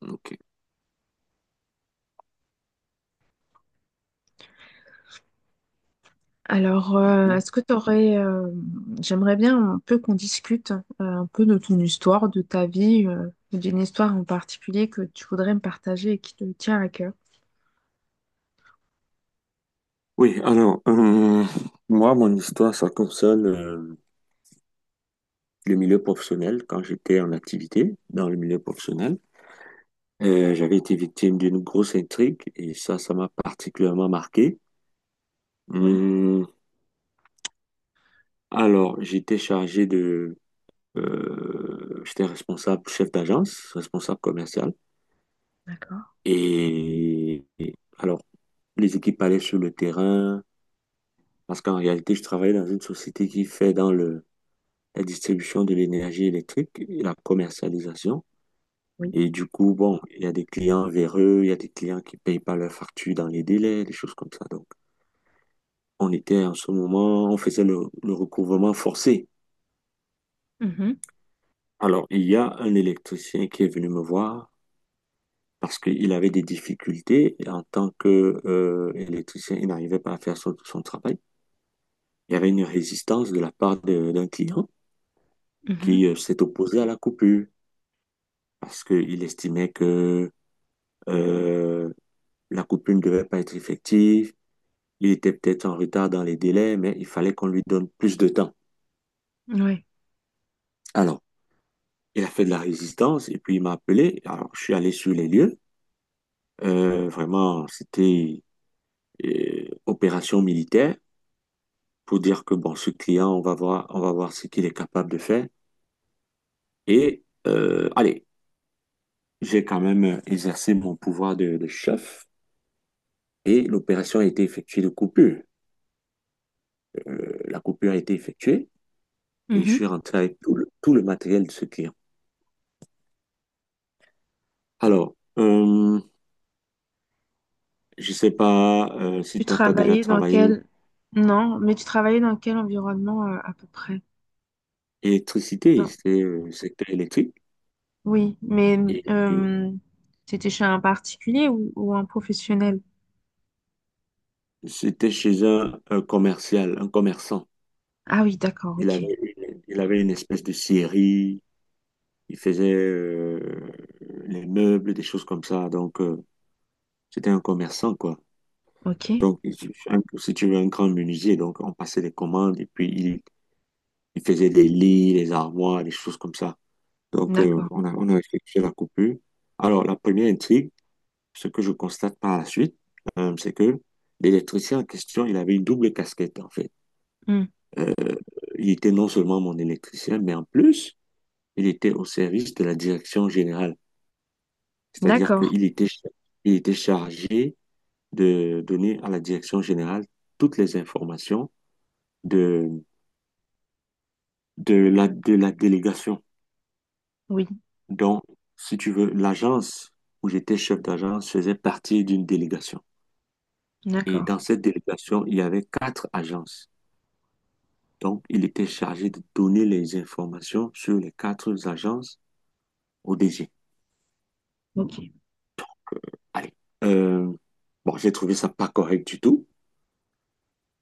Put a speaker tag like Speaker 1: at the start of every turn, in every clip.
Speaker 1: Ok.
Speaker 2: Alors,
Speaker 1: Mhm.
Speaker 2: est-ce que tu aurais... j'aimerais bien un peu qu'on discute un peu de ton histoire, de ta vie, ou d'une histoire en particulier que tu voudrais me partager et qui te tient à cœur.
Speaker 1: Oui, alors, moi, mon histoire, ça concerne le milieu professionnel. Quand j'étais en activité dans le milieu professionnel, j'avais été victime d'une grosse intrigue et ça m'a particulièrement marqué.
Speaker 2: Oui,
Speaker 1: Hum, alors, j'étais responsable, chef d'agence, responsable commercial.
Speaker 2: d'accord,
Speaker 1: Et alors, les équipes allaient sur le terrain parce qu'en réalité, je travaillais dans une société qui fait dans le la distribution de l'énergie électrique et la commercialisation.
Speaker 2: oui.
Speaker 1: Et du coup, bon, il y a des clients véreux, il y a des clients qui payent pas leurs factures dans les délais, des choses comme ça. Donc, on était en ce moment, on faisait le recouvrement forcé.
Speaker 2: Mhm,
Speaker 1: Alors, il y a un électricien qui est venu me voir parce qu'il avait des difficultés en tant que électricien, il n'arrivait pas à faire son travail. Il y avait une résistance de la part d'un client qui s'est opposé à la coupure parce qu'il estimait que euh, la coupure ne devait pas être effective. Il était peut-être en retard dans les délais, mais il fallait qu'on lui donne plus de temps.
Speaker 2: mhm, ouais.
Speaker 1: Alors, il a fait de la résistance et puis il m'a appelé. Alors, je suis allé sur les lieux. Vraiment, c'était opération militaire pour dire que bon, ce client, on va voir ce qu'il est capable de faire. Et allez, j'ai quand même exercé mon pouvoir de chef et l'opération a été effectuée de coupure. La coupure a été effectuée et je suis
Speaker 2: Mhm.
Speaker 1: rentré avec tout le matériel de ce client. Alors, je sais pas
Speaker 2: Tu
Speaker 1: si toi, tu as déjà
Speaker 2: travaillais dans
Speaker 1: travaillé
Speaker 2: quel... Non, mais tu travaillais dans quel environnement à peu près?
Speaker 1: électricité,
Speaker 2: Non.
Speaker 1: c'est secteur électrique.
Speaker 2: Oui, mais
Speaker 1: Et, et
Speaker 2: euh, c'était chez un particulier ou un professionnel?
Speaker 1: c'était chez un commercial, un commerçant.
Speaker 2: Ah oui, d'accord,
Speaker 1: Il
Speaker 2: ok,
Speaker 1: avait, il avait une espèce de scierie, il faisait les meubles, des choses comme ça. Donc, c'était un commerçant, quoi.
Speaker 2: ok,
Speaker 1: Donc, il- Si tu veux, un grand menuisier. Donc, on passait des commandes et puis il faisait des lits, des armoires, des choses comme ça. Donc,
Speaker 2: d'accord.
Speaker 1: on a effectué la coupure. Alors, la première intrigue, ce que je constate par la suite, c'est que l'électricien en question, il avait une double casquette, en fait.
Speaker 2: Hmm,
Speaker 1: Euh, il était non seulement mon électricien, mais en plus, il était au service de la direction générale. C'est-à-dire
Speaker 2: d'accord,
Speaker 1: qu'il était, il était chargé de donner à la direction générale toutes les informations de, de de la délégation.
Speaker 2: oui.
Speaker 1: Donc, si tu veux, l'agence où j'étais chef d'agence faisait partie d'une délégation. Et
Speaker 2: D'accord,
Speaker 1: dans cette délégation, il y avait quatre agences. Donc, il était chargé de donner les informations sur les quatre agences au DG.
Speaker 2: ok.
Speaker 1: Allez. Euh, bon, j'ai trouvé ça pas correct du tout.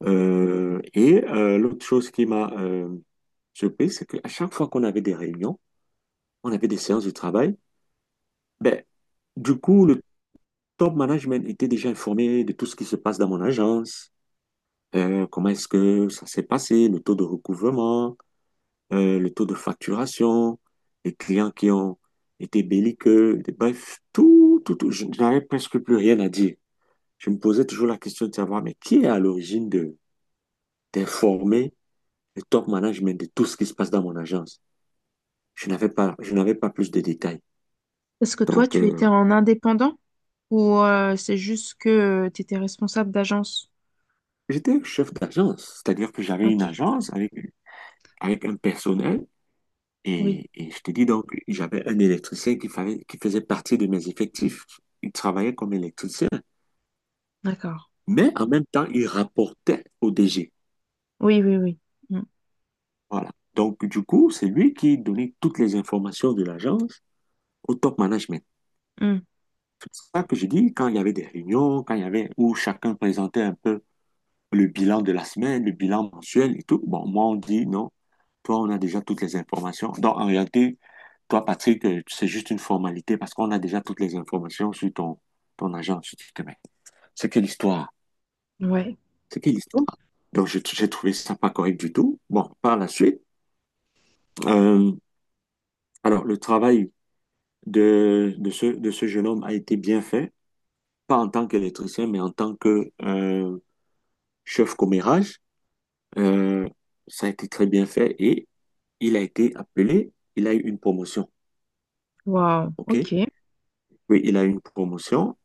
Speaker 1: L'autre chose qui m'a surpris, c'est qu'à chaque fois qu'on avait des réunions, on avait des séances de travail, ben, du coup, le top management était déjà informé de tout ce qui se passe dans mon agence, comment est-ce que ça s'est passé, le taux de recouvrement, le taux de facturation, les clients qui ont été belliqueux, bref, tout, tout, tout. Je n'avais presque plus rien à dire. Je me posais toujours la question de savoir, mais qui est à l'origine de d'informer le top management de tout ce qui se passe dans mon agence? Je n'avais pas plus de détails.
Speaker 2: Est-ce que toi,
Speaker 1: Donc,
Speaker 2: tu étais en indépendant ou c'est juste que tu étais responsable d'agence?
Speaker 1: j'étais chef d'agence, c'est-à-dire que j'avais une
Speaker 2: Ok,
Speaker 1: agence avec, avec un personnel
Speaker 2: oui,
Speaker 1: et je te dis donc, j'avais un électricien qui faisait partie de mes effectifs. Il travaillait comme électricien,
Speaker 2: d'accord.
Speaker 1: mais en même temps, il rapportait au DG.
Speaker 2: Oui, oui, oui. Mm,
Speaker 1: Voilà. Donc, du coup, c'est lui qui donnait toutes les informations de l'agence au top management. C'est ça que je dis, quand il y avait des réunions, quand il y avait où chacun présentait un peu le bilan de la semaine, le bilan mensuel et tout, bon, moi, on dit non, toi, on a déjà toutes les informations. Donc, en réalité, toi, Patrick, c'est juste une formalité parce qu'on a déjà toutes les informations sur ton agence. Je dis, putain, mais c'est quelle histoire?
Speaker 2: mm. Ouais,
Speaker 1: C'est quelle histoire? Donc, j'ai trouvé ça pas correct du tout. Bon, par la suite, euh, alors, le travail de ce jeune homme a été bien fait, pas en tant qu'électricien, mais en tant que chef commérage. Euh, Ça a été très bien fait et il a été appelé, il a eu une promotion.
Speaker 2: wow,
Speaker 1: OK?
Speaker 2: ok.
Speaker 1: Oui, il a eu une promotion.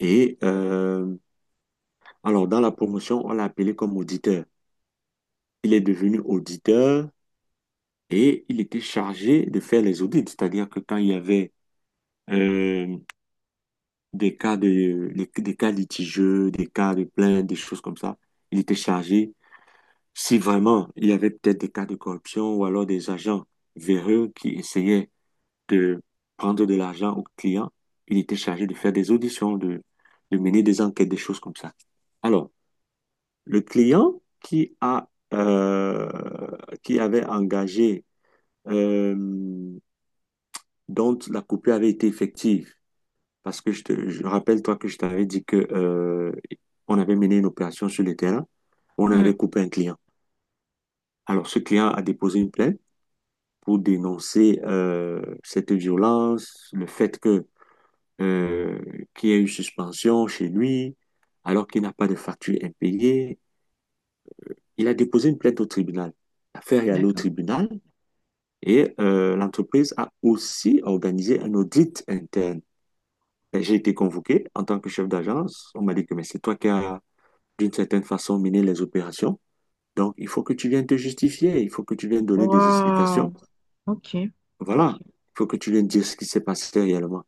Speaker 1: Et alors, dans la promotion, on l'a appelé comme auditeur. Il est devenu auditeur et il était chargé de faire les audits, c'est-à-dire que quand il y avait euh, des des cas litigieux, des cas de plaintes, des choses comme ça. Il était chargé, si vraiment il y avait peut-être des cas de corruption ou alors des agents véreux qui essayaient de prendre de l'argent aux clients, il était chargé de faire des auditions, de mener des enquêtes, des choses comme ça. Alors, le client qui a, qui avait engagé, euh, dont la coupure avait été effective, parce que je rappelle, toi, que je t'avais dit que, on avait mené une opération sur le terrain. On
Speaker 2: Mm.
Speaker 1: avait coupé un client. Alors, ce client a déposé une plainte pour dénoncer cette violence, le fait que euh, qu'il y a eu suspension chez lui, alors qu'il n'a pas de facture impayée. Il a déposé une plainte au tribunal. L'affaire est allée au
Speaker 2: D'accord.
Speaker 1: tribunal et l'entreprise a aussi organisé un audit interne. Et j'ai été convoqué en tant que chef d'agence. On m'a dit que mais c'est toi qui as d'une certaine façon mener les opérations. Donc, il faut que tu viennes te justifier, il faut que tu viennes donner des explications.
Speaker 2: Wow, ok.
Speaker 1: Voilà, il faut que tu viennes dire ce qui s'est passé réellement.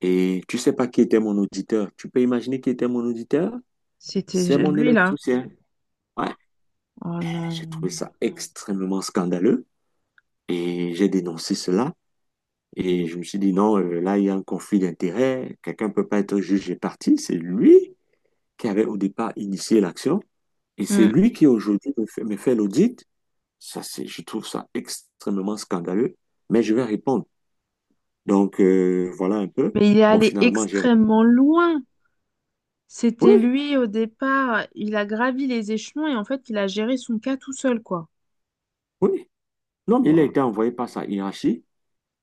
Speaker 1: Et tu sais pas qui était mon auditeur. Tu peux imaginer qui était mon auditeur?
Speaker 2: C'était
Speaker 1: C'est mon
Speaker 2: lui là.
Speaker 1: électricien. Ouais,
Speaker 2: Oh
Speaker 1: j'ai trouvé
Speaker 2: non.
Speaker 1: ça extrêmement scandaleux et j'ai dénoncé cela. Et je me suis dit, non, là, il y a un conflit d'intérêts. Quelqu'un ne peut pas être juge et partie. C'est lui qui avait au départ initié l'action. Et c'est
Speaker 2: Mm.
Speaker 1: lui qui aujourd'hui me fait l'audit. Ça, je trouve ça extrêmement scandaleux, mais je vais répondre. Donc, voilà un peu.
Speaker 2: Mais il est
Speaker 1: Bon,
Speaker 2: allé
Speaker 1: finalement, j'ai
Speaker 2: extrêmement
Speaker 1: répondu.
Speaker 2: loin. C'était
Speaker 1: Oui,
Speaker 2: lui au départ. Il a gravi les échelons et en fait, il a géré son cas tout seul, quoi.
Speaker 1: oui. Non, mais il a
Speaker 2: Wow.
Speaker 1: été envoyé par sa hiérarchie.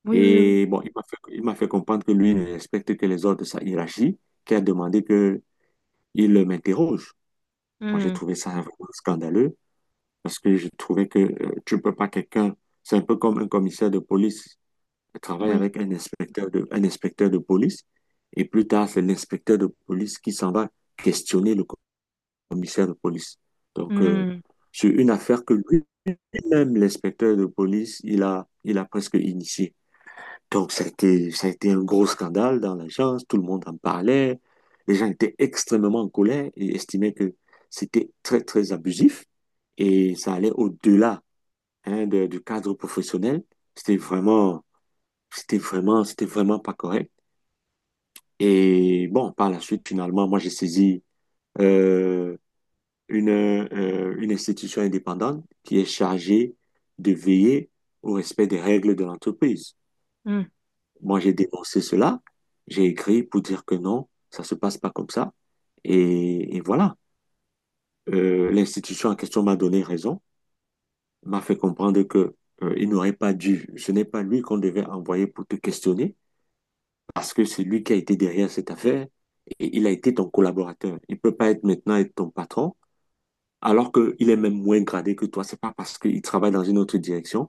Speaker 2: Oui, oui, oui.
Speaker 1: Et bon, il m'a fait comprendre que lui ne respecte que les ordres de sa hiérarchie, qui a demandé que il m'interroge. Bon, j'ai
Speaker 2: Mm.
Speaker 1: trouvé ça vraiment scandaleux parce que je trouvais que tu ne peux pas quelqu'un, c'est un peu comme un commissaire de police travaille
Speaker 2: Oui.
Speaker 1: avec un un inspecteur de police et plus tard, c'est l'inspecteur de police qui s'en va questionner le commissaire de police. Donc,
Speaker 2: Mm,
Speaker 1: sur une affaire que lui-même, l'inspecteur de police, il a presque initiée. Donc, ça a été un gros scandale dans l'agence, tout le monde en parlait, les gens étaient extrêmement en colère et estimaient que c'était très, très abusif et ça allait au-delà, hein, du cadre professionnel. C'était vraiment, C'était vraiment pas correct. Et bon, par la suite, finalement, moi, j'ai saisi, euh, une institution indépendante qui est chargée de veiller au respect des règles de l'entreprise.
Speaker 2: mm.
Speaker 1: Moi, j'ai dénoncé cela, j'ai écrit pour dire que non, ça se passe pas comme ça. Et voilà. L'institution en question m'a donné raison, m'a fait comprendre que il n'aurait pas dû, ce n'est pas lui qu'on devait envoyer pour te questionner, parce que c'est lui qui a été derrière cette affaire et il a été ton collaborateur. Il peut pas être maintenant être ton patron alors qu'il est même moins gradé que toi. C'est pas parce qu'il travaille dans une autre direction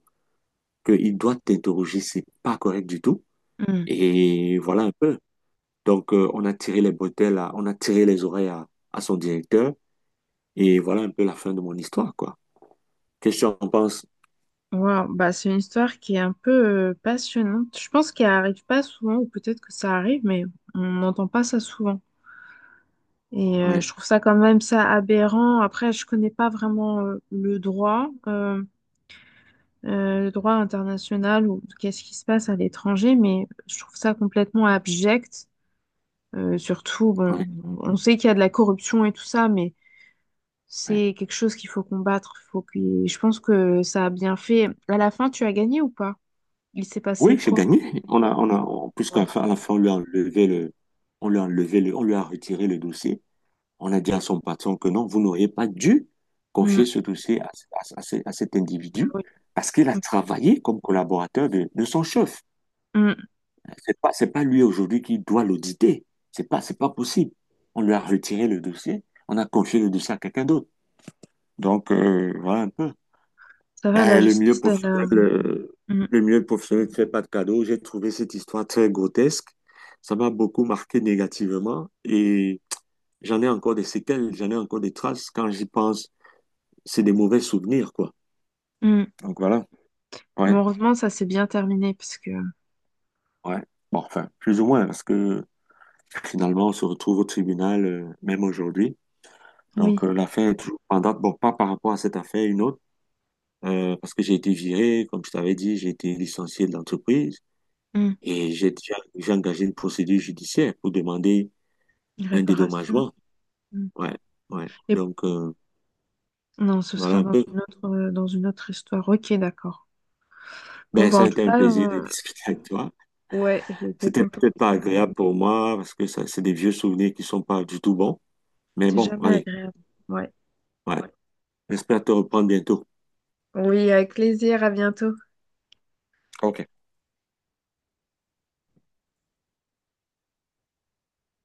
Speaker 1: qu'il doit t'interroger. C'est pas correct du tout.
Speaker 2: Hmm.
Speaker 1: Et voilà un peu. Donc, on a tiré les bretelles, on a tiré les oreilles à son directeur. Et voilà un peu la fin de mon histoire, quoi. Qu'est-ce que tu en penses?
Speaker 2: Wow. Bah, c'est une histoire qui est un peu passionnante. Je pense qu'elle arrive pas souvent, ou peut-être que ça arrive, mais on n'entend pas ça souvent. Et
Speaker 1: Ouais,
Speaker 2: je trouve ça quand même ça aberrant. Après, je connais pas vraiment le droit international ou qu'est-ce qui se passe à l'étranger, mais je trouve ça complètement abject. Surtout, bon,
Speaker 1: ouais,
Speaker 2: on sait qu'il y a de la corruption et tout ça, mais
Speaker 1: ouais.
Speaker 2: c'est quelque chose qu'il faut combattre. Faut que... Je pense que ça a bien fait. À la fin, tu as gagné ou pas? Il s'est passé
Speaker 1: Oui, j'ai
Speaker 2: quoi?
Speaker 1: gagné. Puisqu'à la
Speaker 2: Ah,
Speaker 1: fin, à la fin, on lui a enlevé le, on lui a enlevé le, on lui a retiré le dossier. On a dit à son patron que non, vous n'auriez pas dû confier
Speaker 2: mm,
Speaker 1: ce dossier à cet
Speaker 2: ah
Speaker 1: individu
Speaker 2: oui.
Speaker 1: parce qu'il a
Speaker 2: Mm,
Speaker 1: travaillé comme collaborateur de son chef.
Speaker 2: mm.
Speaker 1: C'est pas lui aujourd'hui qui doit l'auditer. C'est pas possible. On lui a retiré le dossier. On a confié le dossier à quelqu'un d'autre. Donc, voilà un peu.
Speaker 2: Ça va, la
Speaker 1: Eh,
Speaker 2: justice, elle. Mm,
Speaker 1: le milieu professionnel ne fait pas de cadeaux. J'ai trouvé cette histoire très grotesque. Ça m'a beaucoup marqué négativement et j'en ai encore des traces quand j'y pense. C'est des mauvais souvenirs, quoi.
Speaker 2: mm.
Speaker 1: Donc voilà,
Speaker 2: Mais
Speaker 1: ouais,
Speaker 2: heureusement, ça s'est bien terminé parce que
Speaker 1: ouais. Bon, enfin, plus ou moins, parce que finalement, on se retrouve au tribunal, même aujourd'hui. Donc
Speaker 2: oui,
Speaker 1: l'affaire est toujours en date, bon, pas par rapport à cette affaire, une autre, parce que j'ai été viré, comme je t'avais dit, j'ai été licencié de l'entreprise
Speaker 2: mm,
Speaker 1: et j'ai engagé une procédure judiciaire pour demander un
Speaker 2: réparation.
Speaker 1: dédommagement.
Speaker 2: Mm.
Speaker 1: Ouais, ouais.
Speaker 2: Et
Speaker 1: Donc
Speaker 2: non, ce
Speaker 1: voilà
Speaker 2: sera
Speaker 1: un peu.
Speaker 2: dans une autre histoire. Ok, d'accord. Bon,
Speaker 1: Ben,
Speaker 2: bah
Speaker 1: ça
Speaker 2: en
Speaker 1: a
Speaker 2: tout
Speaker 1: été un
Speaker 2: cas,
Speaker 1: plaisir de discuter avec toi.
Speaker 2: ouais, j'étais
Speaker 1: C'était peut-être
Speaker 2: contente.
Speaker 1: pas agréable pour moi parce que ça, c'est des vieux souvenirs qui sont pas du tout bons. Mais
Speaker 2: C'est
Speaker 1: bon,
Speaker 2: jamais
Speaker 1: allez,
Speaker 2: agréable. Ouais.
Speaker 1: ouais. Ouais. J'espère te reprendre bientôt.
Speaker 2: Oui, avec plaisir. À bientôt.
Speaker 1: OK.